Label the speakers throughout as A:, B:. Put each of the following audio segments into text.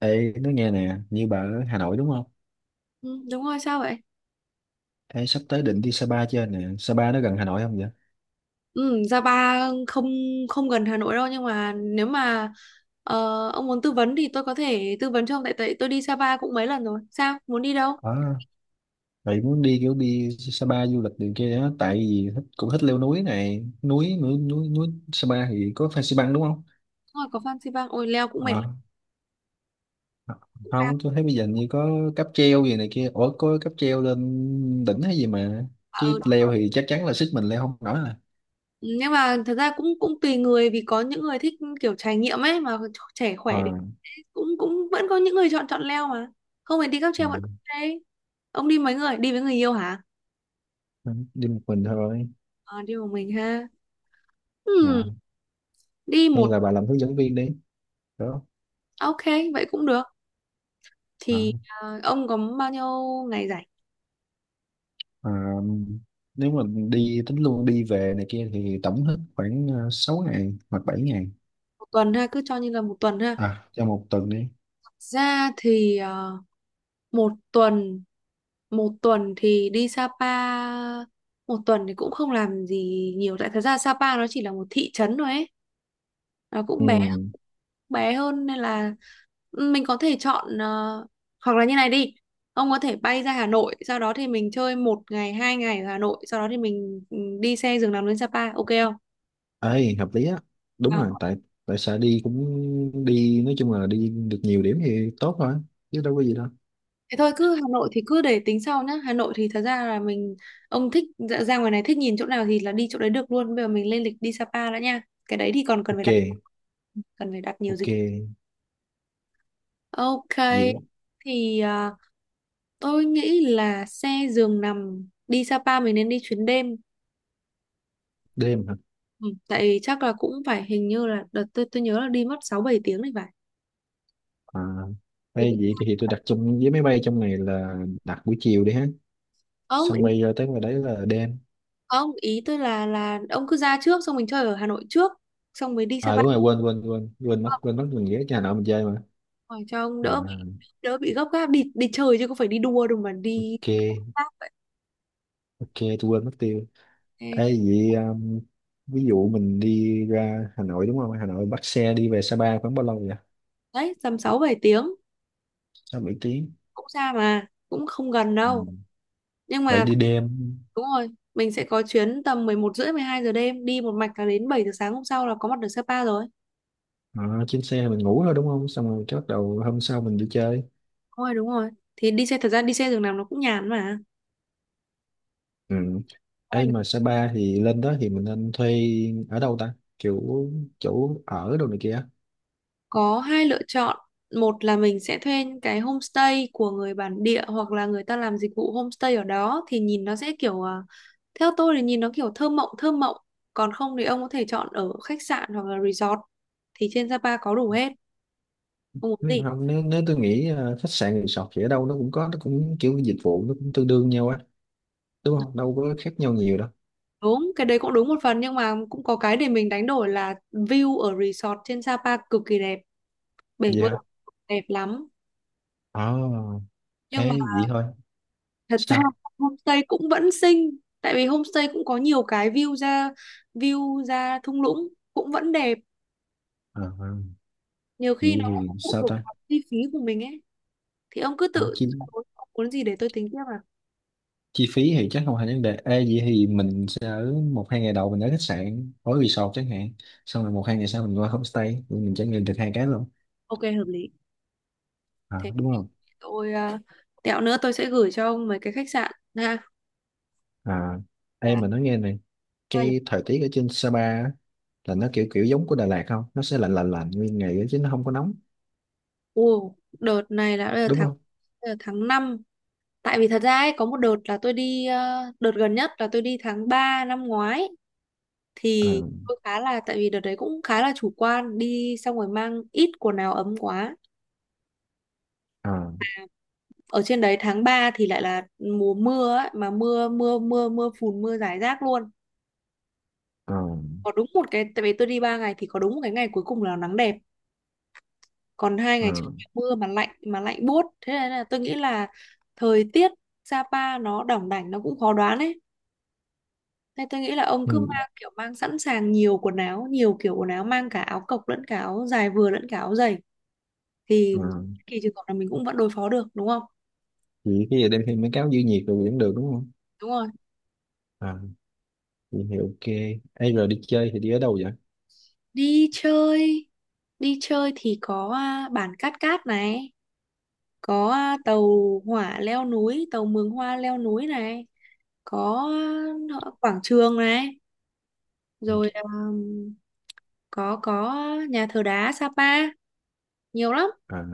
A: Ê, nói nghe nè, như bà ở Hà Nội đúng không?
B: Ừ, đúng rồi, sao vậy?
A: Ê, sắp tới định đi Sapa chưa nè? Sapa nó gần Hà Nội không vậy?
B: Ừ, Sapa không không gần Hà Nội đâu, nhưng mà nếu mà ông muốn tư vấn thì tôi có thể tư vấn cho ông, tại tại tôi đi Sapa cũng mấy lần rồi. Sao? Muốn đi đâu?
A: À, vậy muốn đi kiểu đi Sapa du lịch đường kia đó, tại vì thích, cũng thích leo núi này, núi. Sapa thì có Fansipan đúng không?
B: Đúng rồi, có Phan Xipang. Ôi, leo cũng mệt
A: Ờ,
B: lắm, cũng cao
A: không, tôi thấy bây giờ như có cáp treo gì này kia, ủa có cáp treo lên đỉnh hay gì mà,
B: mà ở
A: chứ
B: đó.
A: leo thì chắc chắn là sức mình leo không nổi à.
B: Ừ, nhưng mà thật ra cũng cũng tùy người, vì có những người thích kiểu trải nghiệm ấy mà, trẻ
A: Ờ,
B: khỏe thì cũng cũng vẫn có những người chọn chọn leo mà. Không phải đi cáp
A: ờ,
B: treo vẫn ok. Ông đi mấy người? Đi với người yêu hả?
A: đi một mình thôi.
B: Ờ, đi một mình ha.
A: Ờ,
B: Ừ, đi
A: hay
B: một
A: là bà làm hướng dẫn viên đi, đó.
B: ok, vậy cũng được.
A: Ờ.
B: Thì à, ông có bao nhiêu ngày rảnh?
A: Ờ, nếu mà đi tính luôn đi về này kia thì tổng hết khoảng 6 ngày hoặc 7 ngày.
B: Một tuần ha, cứ cho như là một tuần ha,
A: À, cho một tuần đi.
B: ra thì à, một tuần, một tuần thì đi Sapa, một tuần thì cũng không làm gì nhiều, tại thật ra Sapa nó chỉ là một thị trấn thôi ấy, nó cũng
A: Ừ,
B: bé, bé hơn, nên là ừ, mình có thể chọn hoặc là như này đi, ông có thể bay ra Hà Nội, sau đó thì mình chơi một ngày hai ngày ở Hà Nội, sau đó thì mình đi xe giường nằm lên Sapa, ok không?
A: ấy hợp lý á. Đúng
B: À,
A: rồi, tại tại sao đi cũng đi, nói chung là đi được nhiều điểm thì tốt thôi, chứ đâu có gì đâu.
B: thế thôi, cứ Hà Nội thì cứ để tính sau nhá. Hà Nội thì thật ra là mình, ông thích ra ra ngoài này, thích nhìn chỗ nào thì là đi chỗ đấy được luôn. Bây giờ mình lên lịch đi Sapa đã nha. Cái đấy thì còn cần phải
A: Ok,
B: đặt, cần phải đặt nhiều
A: ok.
B: dịch. Ok.
A: Vậy
B: Thì à, tôi nghĩ là xe giường nằm đi Sapa mình nên đi chuyến đêm.
A: đêm hả?
B: Ừ, tại vì chắc là cũng phải, hình như là đợt tôi nhớ là đi mất 6-7 tiếng thì phải.
A: À,
B: Thì
A: hay
B: cũng-
A: vậy thì tôi đặt chung với máy bay trong này, là đặt buổi chiều đi ha,
B: Không,
A: xong
B: ý-
A: bay ra tới ngoài đấy là đêm.
B: không, ý tôi là ông cứ ra trước, xong mình chơi ở Hà Nội trước, xong mới đi
A: À,
B: Sapa.
A: đúng rồi, quên quên quên quên mất mình ghé nhà nọ mình chơi mà.
B: Rồi cho ông đỡ,
A: À,
B: đỡ bị gấp gáp, đi đi chơi chứ không phải đi đua đâu mà đi
A: ok.
B: khác
A: Ok, tôi quên mất tiêu.
B: thế.
A: Ê, vậy ví dụ mình đi ra Hà Nội đúng không? Hà Nội bắt xe đi về Sapa khoảng bao lâu vậy?
B: Đấy, tầm sáu bảy tiếng,
A: 6-7 tiếng.
B: cũng xa mà cũng không gần
A: Ừ.
B: đâu, nhưng
A: Vậy
B: mà
A: đi đêm.
B: đúng rồi, mình sẽ có chuyến tầm 11 rưỡi 12 giờ đêm, đi một mạch là đến 7 giờ sáng hôm sau là có mặt được Sapa rồi.
A: À, trên xe mình ngủ thôi đúng không? Xong rồi cái bắt đầu hôm sau mình đi chơi.
B: Đúng rồi, đúng rồi, thì đi xe, thật ra đi xe giường nằm nó cũng nhàn mà.
A: Ừ.
B: Có
A: Ê,
B: là
A: mà Sapa thì lên đó thì mình nên thuê ở đâu ta? Kiểu chỗ ở đâu này kia.
B: có hai lựa chọn. Một là mình sẽ thuê những cái homestay của người bản địa hoặc là người ta làm dịch vụ homestay ở đó, thì nhìn nó sẽ kiểu à, theo tôi thì nhìn nó kiểu thơ mộng, thơ mộng. Còn không thì ông có thể chọn ở khách sạn hoặc là resort, thì trên Sapa có đủ hết. Ông muốn gì?
A: Không, nếu tôi nghĩ khách sạn resort thì ở đâu nó cũng có, nó cũng kiểu dịch vụ nó cũng tương đương nhau á, đúng không? Đâu có khác nhau nhiều đâu.
B: Đúng, cái đấy cũng đúng một phần, nhưng mà cũng có cái để mình đánh đổi là view ở resort trên Sapa cực kỳ đẹp, bể
A: Vậy
B: bơi
A: hả?
B: đẹp lắm.
A: À.
B: Nhưng
A: Ê, vậy thôi
B: thật ra
A: sao?
B: homestay cũng vẫn xinh, tại vì homestay cũng có nhiều cái view ra, view ra thung lũng cũng vẫn đẹp,
A: À,
B: nhiều
A: vậy
B: khi nó
A: thì
B: cũng phụ
A: sao
B: thuộc
A: ta?
B: vào chi phí của mình ấy, thì ông cứ
A: À,
B: tự
A: chi,
B: ông muốn gì để tôi tính tiếp à.
A: chi phí thì chắc không thành vấn đề. Ê, vậy thì mình sẽ ở 1-2 ngày đầu mình ở khách sạn ở resort chẳng hạn, xong rồi 1-2 ngày sau mình qua homestay rồi mình trải nghiệm được hai cái luôn.
B: Ok, hợp lý
A: À,
B: thế.
A: đúng không?
B: Tôi tẹo nữa tôi sẽ gửi cho ông mấy cái khách sạn ha,
A: À. Ê,
B: cả
A: mà nói nghe này,
B: hai nhỉ?
A: cái thời tiết ở trên Sapa á, là nó kiểu kiểu giống của Đà Lạt không, nó sẽ lạnh lạnh lạnh nguyên ngày á, chứ nó không có nóng
B: Ồ, đợt này là đợt
A: đúng
B: tháng,
A: không?
B: đợt tháng 5, tại vì thật ra ấy, có một đợt là tôi đi, đợt gần nhất là tôi đi tháng 3 năm ngoái
A: À.
B: thì tôi khá là, tại vì đợt đấy cũng khá là chủ quan, đi xong rồi mang ít quần áo ấm quá,
A: À.
B: ở trên đấy tháng 3 thì lại là mùa mưa ấy, mà mưa mưa mưa mưa phùn, mưa rải rác luôn,
A: À.
B: có đúng một cái, tại vì tôi đi 3 ngày thì có đúng một cái ngày cuối cùng là nắng đẹp, còn hai ngày
A: À.
B: trước mưa mà lạnh, mà lạnh buốt, thế nên là tôi nghĩ là thời tiết Sapa nó đỏng đảnh, nó cũng khó đoán ấy. Thế tôi nghĩ là ông
A: Ừ.
B: cứ mang kiểu mang sẵn sàng nhiều quần áo, nhiều kiểu quần áo, mang cả áo cộc lẫn cả áo dài vừa lẫn cả áo dày, thì
A: À.
B: kỳ trường hợp là mình cũng vẫn đối phó được, đúng không?
A: Vậy cái gì đem thêm mấy cáo giữ nhiệt rồi cũng được đúng không?
B: Đúng rồi.
A: À, nhìn thì ok. Ê, rồi đi chơi thì đi ở đâu vậy?
B: Đi chơi, đi chơi thì có à, bản Cát Cát này, có à, tàu hỏa leo núi, tàu Mường Hoa leo núi này, có à, quảng trường này,
A: Ừ.
B: rồi à, có nhà thờ đá Sapa, nhiều lắm.
A: À,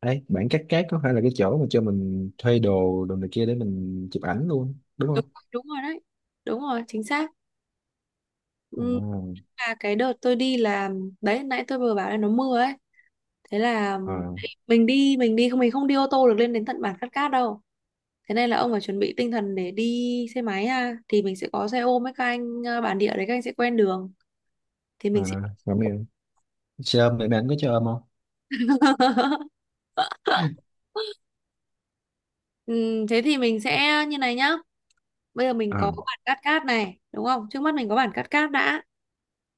A: ấy, bản Cát Cát có phải là cái chỗ mà cho mình thuê đồ đồ này kia để mình chụp ảnh luôn, đúng
B: Đúng,
A: không?
B: đúng rồi đấy. Đúng rồi, chính xác.
A: À.
B: Ừ, là cái đợt tôi đi là, đấy nãy tôi vừa bảo là nó mưa ấy, thế là
A: À.
B: mình không đi ô tô được lên đến tận bản Cát Cát đâu, thế nên là ông phải chuẩn bị tinh thần để đi xe máy ha, thì mình sẽ có xe ôm với các anh bản địa đấy, các anh sẽ quen đường thì
A: À,
B: mình sẽ
A: rồi mày, xe ôm, mẹ bạn có cho ôm không?
B: Thế thì mình sẽ như này nhá, bây giờ mình có
A: À.
B: bản Cát Cát này đúng không, trước mắt mình có bản Cát Cát đã,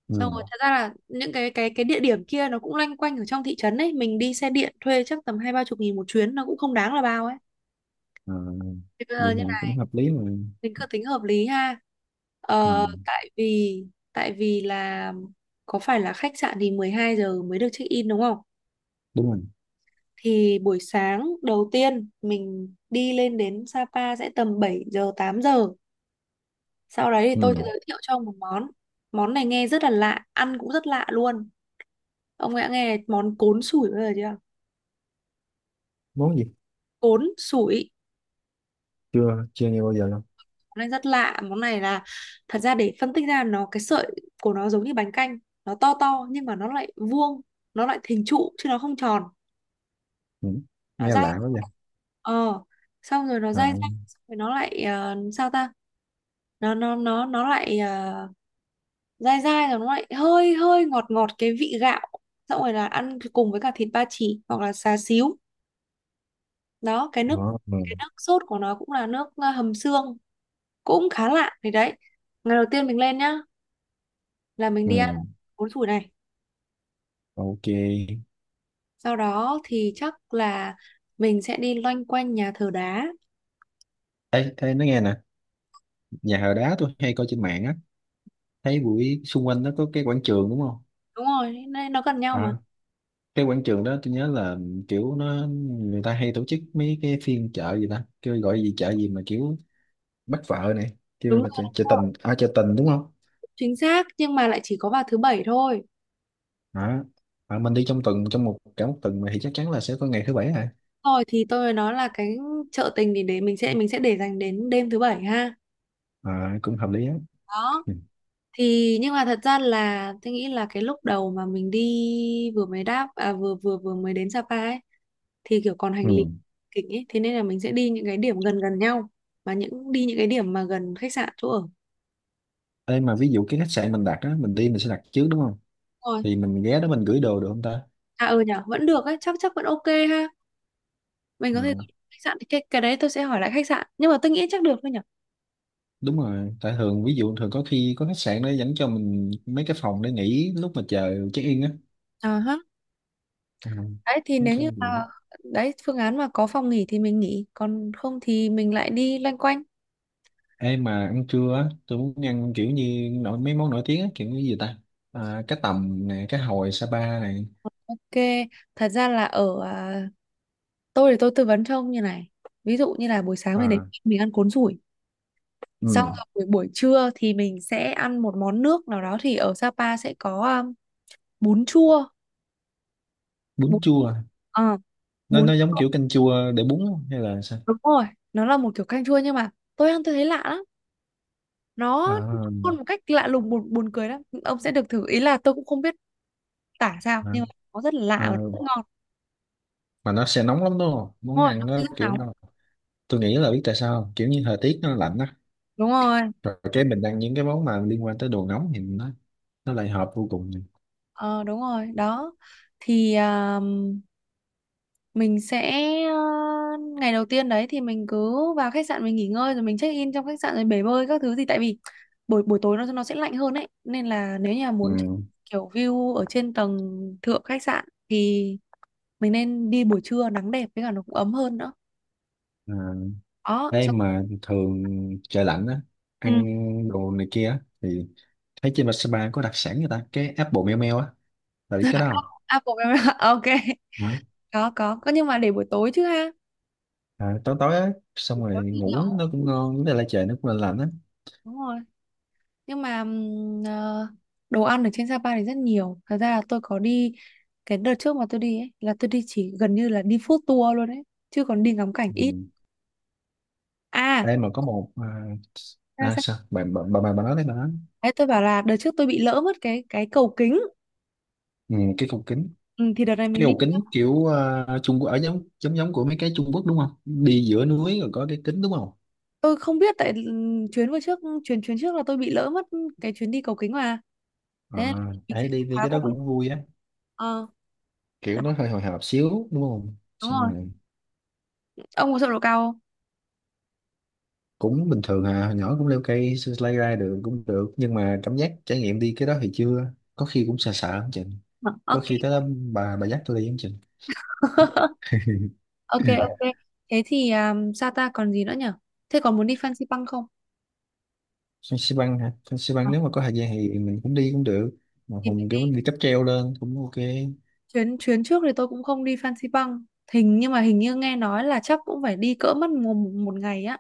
A: Ừ.
B: xong rồi thật ra là những cái địa điểm kia nó cũng loanh quanh ở trong thị trấn ấy, mình đi xe điện thuê chắc tầm 20-30 nghìn một chuyến, nó cũng không đáng là bao ấy.
A: À, vậy
B: Ờ, như
A: thì cũng
B: là
A: hợp lý mà.
B: mình cứ tính hợp lý ha,
A: Ừ,
B: ờ, tại vì, tại vì là có phải là khách sạn thì 12 giờ mới được check in đúng không,
A: đúng rồi.
B: thì buổi sáng đầu tiên mình đi lên đến Sapa sẽ tầm 7 giờ 8 giờ, sau đấy thì tôi
A: Ừ,
B: sẽ giới thiệu cho ông một món, món này nghe rất là lạ, ăn cũng rất lạ luôn, ông đã nghe món cốn sủi bao giờ chưa?
A: món gì?
B: Cốn sủi,
A: Chưa, chưa nghe bao giờ đâu.
B: món rất lạ, món này là, thật ra để phân tích ra nó, cái sợi của nó giống như bánh canh, nó to to nhưng mà nó lại vuông, nó lại hình trụ chứ nó không tròn,
A: Ừ,
B: nó
A: nghe
B: dai,
A: lạ quá vậy.
B: ờ, xong rồi nó
A: À.
B: dai dai, xong rồi nó lại sao ta, nó lại dai dai rồi nó lại hơi hơi ngọt ngọt cái vị gạo, xong rồi là ăn cùng với cả thịt ba chỉ hoặc là xá xíu đó, cái
A: Ờ.
B: nước,
A: Ừ.
B: cái nước sốt của nó cũng là nước hầm xương, cũng khá lạ. Thì đấy, ngày đầu tiên mình lên nhá là mình
A: Ừ,
B: đi ăn bún thủi này,
A: ok.
B: sau đó thì chắc là mình sẽ đi loanh quanh nhà thờ đá.
A: Ê, thế nói nghe nè, nhà thờ đá tôi hay coi trên mạng á, thấy buổi xung quanh nó có cái quảng trường đúng không?
B: Đúng rồi, nên nó gần nhau mà.
A: À, cái quảng trường đó tôi nhớ là kiểu nó người ta hay tổ chức mấy cái phiên chợ gì ta, kêu gọi gì chợ gì mà kiểu bắt vợ này, kêu
B: Đúng rồi,
A: là chợ,
B: đúng
A: chợ
B: rồi,
A: tình, à chợ tình đúng không?
B: chính xác, nhưng mà lại chỉ có vào thứ bảy thôi.
A: À. À, mình đi trong tuần, trong một cả một tuần mà thì chắc chắn là sẽ có ngày thứ bảy. À,
B: Rồi thì tôi mới nói là cái chợ tình, thì để mình sẽ để dành đến đêm thứ bảy ha,
A: à cũng hợp lý á.
B: đó.
A: Ừ.
B: Thì nhưng mà thật ra là tôi nghĩ là cái lúc đầu mà mình đi, vừa mới đáp à, vừa vừa vừa mới đến Sapa ấy, thì kiểu còn hành lý
A: Ừ.
B: kịch ấy, thế nên là mình sẽ đi những cái điểm gần gần nhau, và những đi những cái điểm mà gần khách sạn, chỗ ở.
A: Ê, mà ví dụ cái khách sạn mình đặt á, mình đi mình sẽ đặt trước đúng không,
B: Rồi.
A: thì mình ghé đó mình gửi đồ được không
B: À ừ nhỉ, vẫn được ấy, chắc chắc vẫn ok ha. Mình có thể,
A: ta?
B: khách sạn thì cái đấy tôi sẽ hỏi lại khách sạn, nhưng mà tôi nghĩ chắc được thôi nhỉ.
A: Đúng rồi, tại thường ví dụ thường có khi có khách sạn nó dẫn cho mình mấy cái phòng để nghỉ lúc mà chờ check in á.
B: À ha.
A: Ờ,
B: Đấy thì
A: nói
B: nếu như
A: chung là-
B: mà đấy, phương án mà có phòng nghỉ thì mình nghỉ, còn không thì mình lại đi loanh quanh.
A: Ê mà ăn trưa á, tôi muốn ăn kiểu như nổi mấy món nổi tiếng á, kiểu như gì ta, à, cá tầm nè, cá hồi Sapa này.
B: Ok, thật ra là ở à, tôi thì tôi tư vấn cho ông như này. Ví dụ như là buổi sáng mình đến
A: À.
B: mình ăn cuốn sủi, xong
A: Ừ.
B: rồi buổi buổi trưa thì mình sẽ ăn một món nước nào đó, thì ở Sapa sẽ có bún chua,
A: Bún
B: bún,
A: chua,
B: ờ,
A: nó
B: bún.
A: nó giống kiểu canh chua để bún không? Hay là sao?
B: Đúng rồi, nó là một kiểu canh chua, nhưng mà tôi ăn tôi thấy lạ lắm. Nó
A: À.
B: con một cách lạ lùng, buồn buồn cười lắm. Ông sẽ được thử, ý là tôi cũng không biết tả sao,
A: À.
B: nhưng mà nó rất là lạ
A: À,
B: và rất ngon.
A: mà nó sẽ nóng lắm đúng không,
B: Đúng
A: muốn
B: rồi, nó
A: ăn nó
B: rất
A: kiểu
B: nóng.
A: nó, tôi nghĩ là biết tại sao không? Kiểu như thời tiết nó lạnh á,
B: Đúng rồi.
A: rồi cái mình ăn những cái món mà liên quan tới đồ nóng thì nó lại hợp vô cùng này.
B: Ờ đúng rồi, đó. Thì à, mình sẽ à, ngày đầu tiên đấy thì mình cứ vào khách sạn, mình nghỉ ngơi rồi mình check in trong khách sạn rồi bể bơi các thứ gì, tại vì buổi buổi tối nó sẽ lạnh hơn ấy, nên là nếu như là muốn
A: Ừ.
B: kiểu view ở trên tầng thượng khách sạn thì mình nên đi buổi trưa nắng đẹp, với cả nó cũng ấm hơn nữa
A: À,
B: đó.
A: đây
B: Sao?
A: mà thường trời lạnh á,
B: Ừ.
A: ăn đồ này kia á, thì thấy trên Vasapa có đặc sản người ta cái apple meo meo á, là biết cái đó không?
B: à, bộ- ok,
A: Hả?
B: có, nhưng mà để buổi tối chứ ha.
A: À, tối tối á, xong
B: Buổi
A: rồi
B: tối thì nhậu,
A: ngủ nó cũng ngon, với lại trời nó cũng lạnh lạnh á.
B: đúng rồi, nhưng mà đồ ăn ở trên Sapa thì rất nhiều, thật ra là tôi có đi cái đợt trước mà tôi đi ấy, là tôi đi chỉ gần như là đi food tour luôn ấy, chứ còn đi ngắm cảnh ít
A: Ừ.
B: à.
A: Đây mà có một à,
B: Ra
A: à
B: sao?
A: sao bà, bà nói đấy, bà nói.
B: Đấy tôi bảo là đợt trước tôi bị lỡ mất cái cầu kính.
A: Ừ, cái cầu kính
B: Ừ, thì đợt này mình
A: cái
B: đi,
A: cầu kính kiểu à, Trung Quốc ở giống giống giống của mấy cái Trung Quốc đúng không, đi giữa núi rồi có cái kính đúng không?
B: tôi không biết, tại chuyến vừa trước, chuyến chuyến trước là tôi bị lỡ mất cái chuyến đi cầu kính mà,
A: À,
B: thế là mình sẽ
A: đấy, đi đi
B: khóa
A: cái đó
B: cùng.
A: cũng vui á,
B: Ờ
A: kiểu
B: đó,
A: nó hơi hồi hộp xíu đúng không
B: đúng
A: xong
B: rồi,
A: rồi.
B: ông có sợ độ cao không?
A: Cũng bình thường à, hồi nhỏ cũng leo cây sơ lay ra được cũng được, nhưng mà cảm giác trải nghiệm đi cái đó thì chưa, có khi cũng sợ sợ không chừng,
B: Ờ,
A: có
B: ok.
A: khi tới đó bà dắt tôi đi không chừng.
B: Ok ok. Thế thì sao ta, còn gì nữa nhở, thế còn muốn đi Fansipan không?
A: Phan Xi Păng hả? Phan Xi Păng
B: Ờ,
A: nếu mà có thời gian thì mình cũng đi cũng được, mà
B: thì mình
A: mình kiểu
B: đi,
A: mình đi cáp treo lên cũng ok.
B: chuyến, trước thì tôi cũng không đi Fansipan, hình nhưng mà hình như nghe nói là chắc cũng phải đi cỡ mất một ngày á,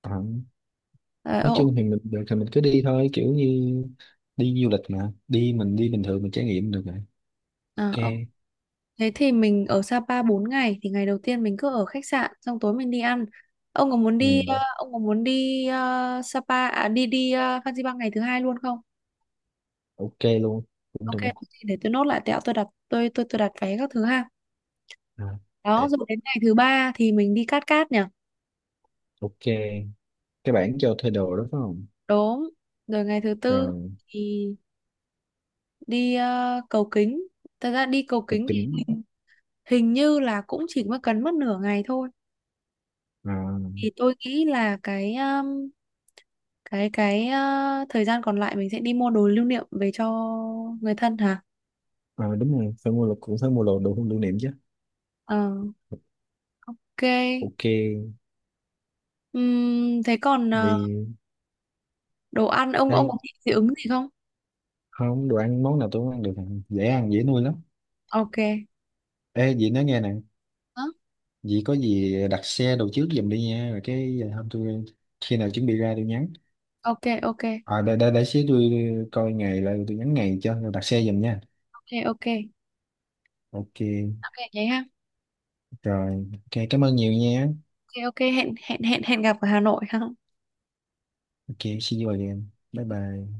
A: Ờ,
B: ờ
A: nói
B: ờ,
A: chung thì mình được thì mình cứ đi thôi, kiểu như đi du lịch mà, đi mình đi bình thường mình trải nghiệm được rồi.
B: ờ,
A: Ok.
B: ok. Thế thì mình ở Sapa 4 ngày thì ngày đầu tiên mình cứ ở khách sạn, xong tối mình đi ăn. Ông có muốn
A: Ừ.
B: đi ông có muốn đi Sapa à, đi đi Fansipan ngày thứ hai luôn không?
A: Ok luôn, cũng
B: Ok,
A: được.
B: thì để tôi nốt lại tẹo tôi đặt, tôi đặt vé các thứ ha.
A: À. Ê,
B: Đó, rồi đến ngày thứ ba thì mình đi Cát Cát nhỉ?
A: ok, cái bảng cho thuê đồ đó phải không?
B: Đúng. Rồi ngày thứ tư
A: Rồi
B: thì đi cầu kính. Thật ra đi cầu
A: cục
B: kính thì
A: kính.
B: hình như là cũng chỉ mới cần mất nửa ngày thôi.
A: À.
B: Thì tôi nghĩ là thời gian còn lại mình sẽ đi mua đồ lưu niệm về cho người thân hả?
A: À, đúng rồi, phải mua lục, cũng phải mua đồ đồ lưu niệm chứ.
B: Ờ, ok.
A: Ok.
B: Thế còn ờ,
A: Vì
B: đồ ăn, ông
A: ấy
B: có thích dị ứng gì không?
A: không, đồ ăn món nào tôi cũng ăn được nè, dễ ăn dễ nuôi lắm.
B: Ok.
A: Ê dì, nói nghe nè,
B: Hả?
A: dì có gì đặt xe đồ trước giùm đi nha, rồi cái hôm tôi, khi nào chuẩn bị ra tôi nhắn.
B: Ok ok,
A: À, để xíu tôi coi ngày lại tôi nhắn ngày cho, rồi đặt xe giùm nha.
B: ok ok
A: Ok,
B: vậy ha.
A: rồi. Ok, cảm ơn nhiều nha.
B: Ok ok, hẹn hẹn hẹn hẹn gặp ở Hà Nội ha.
A: Ok, see you again, bye bye.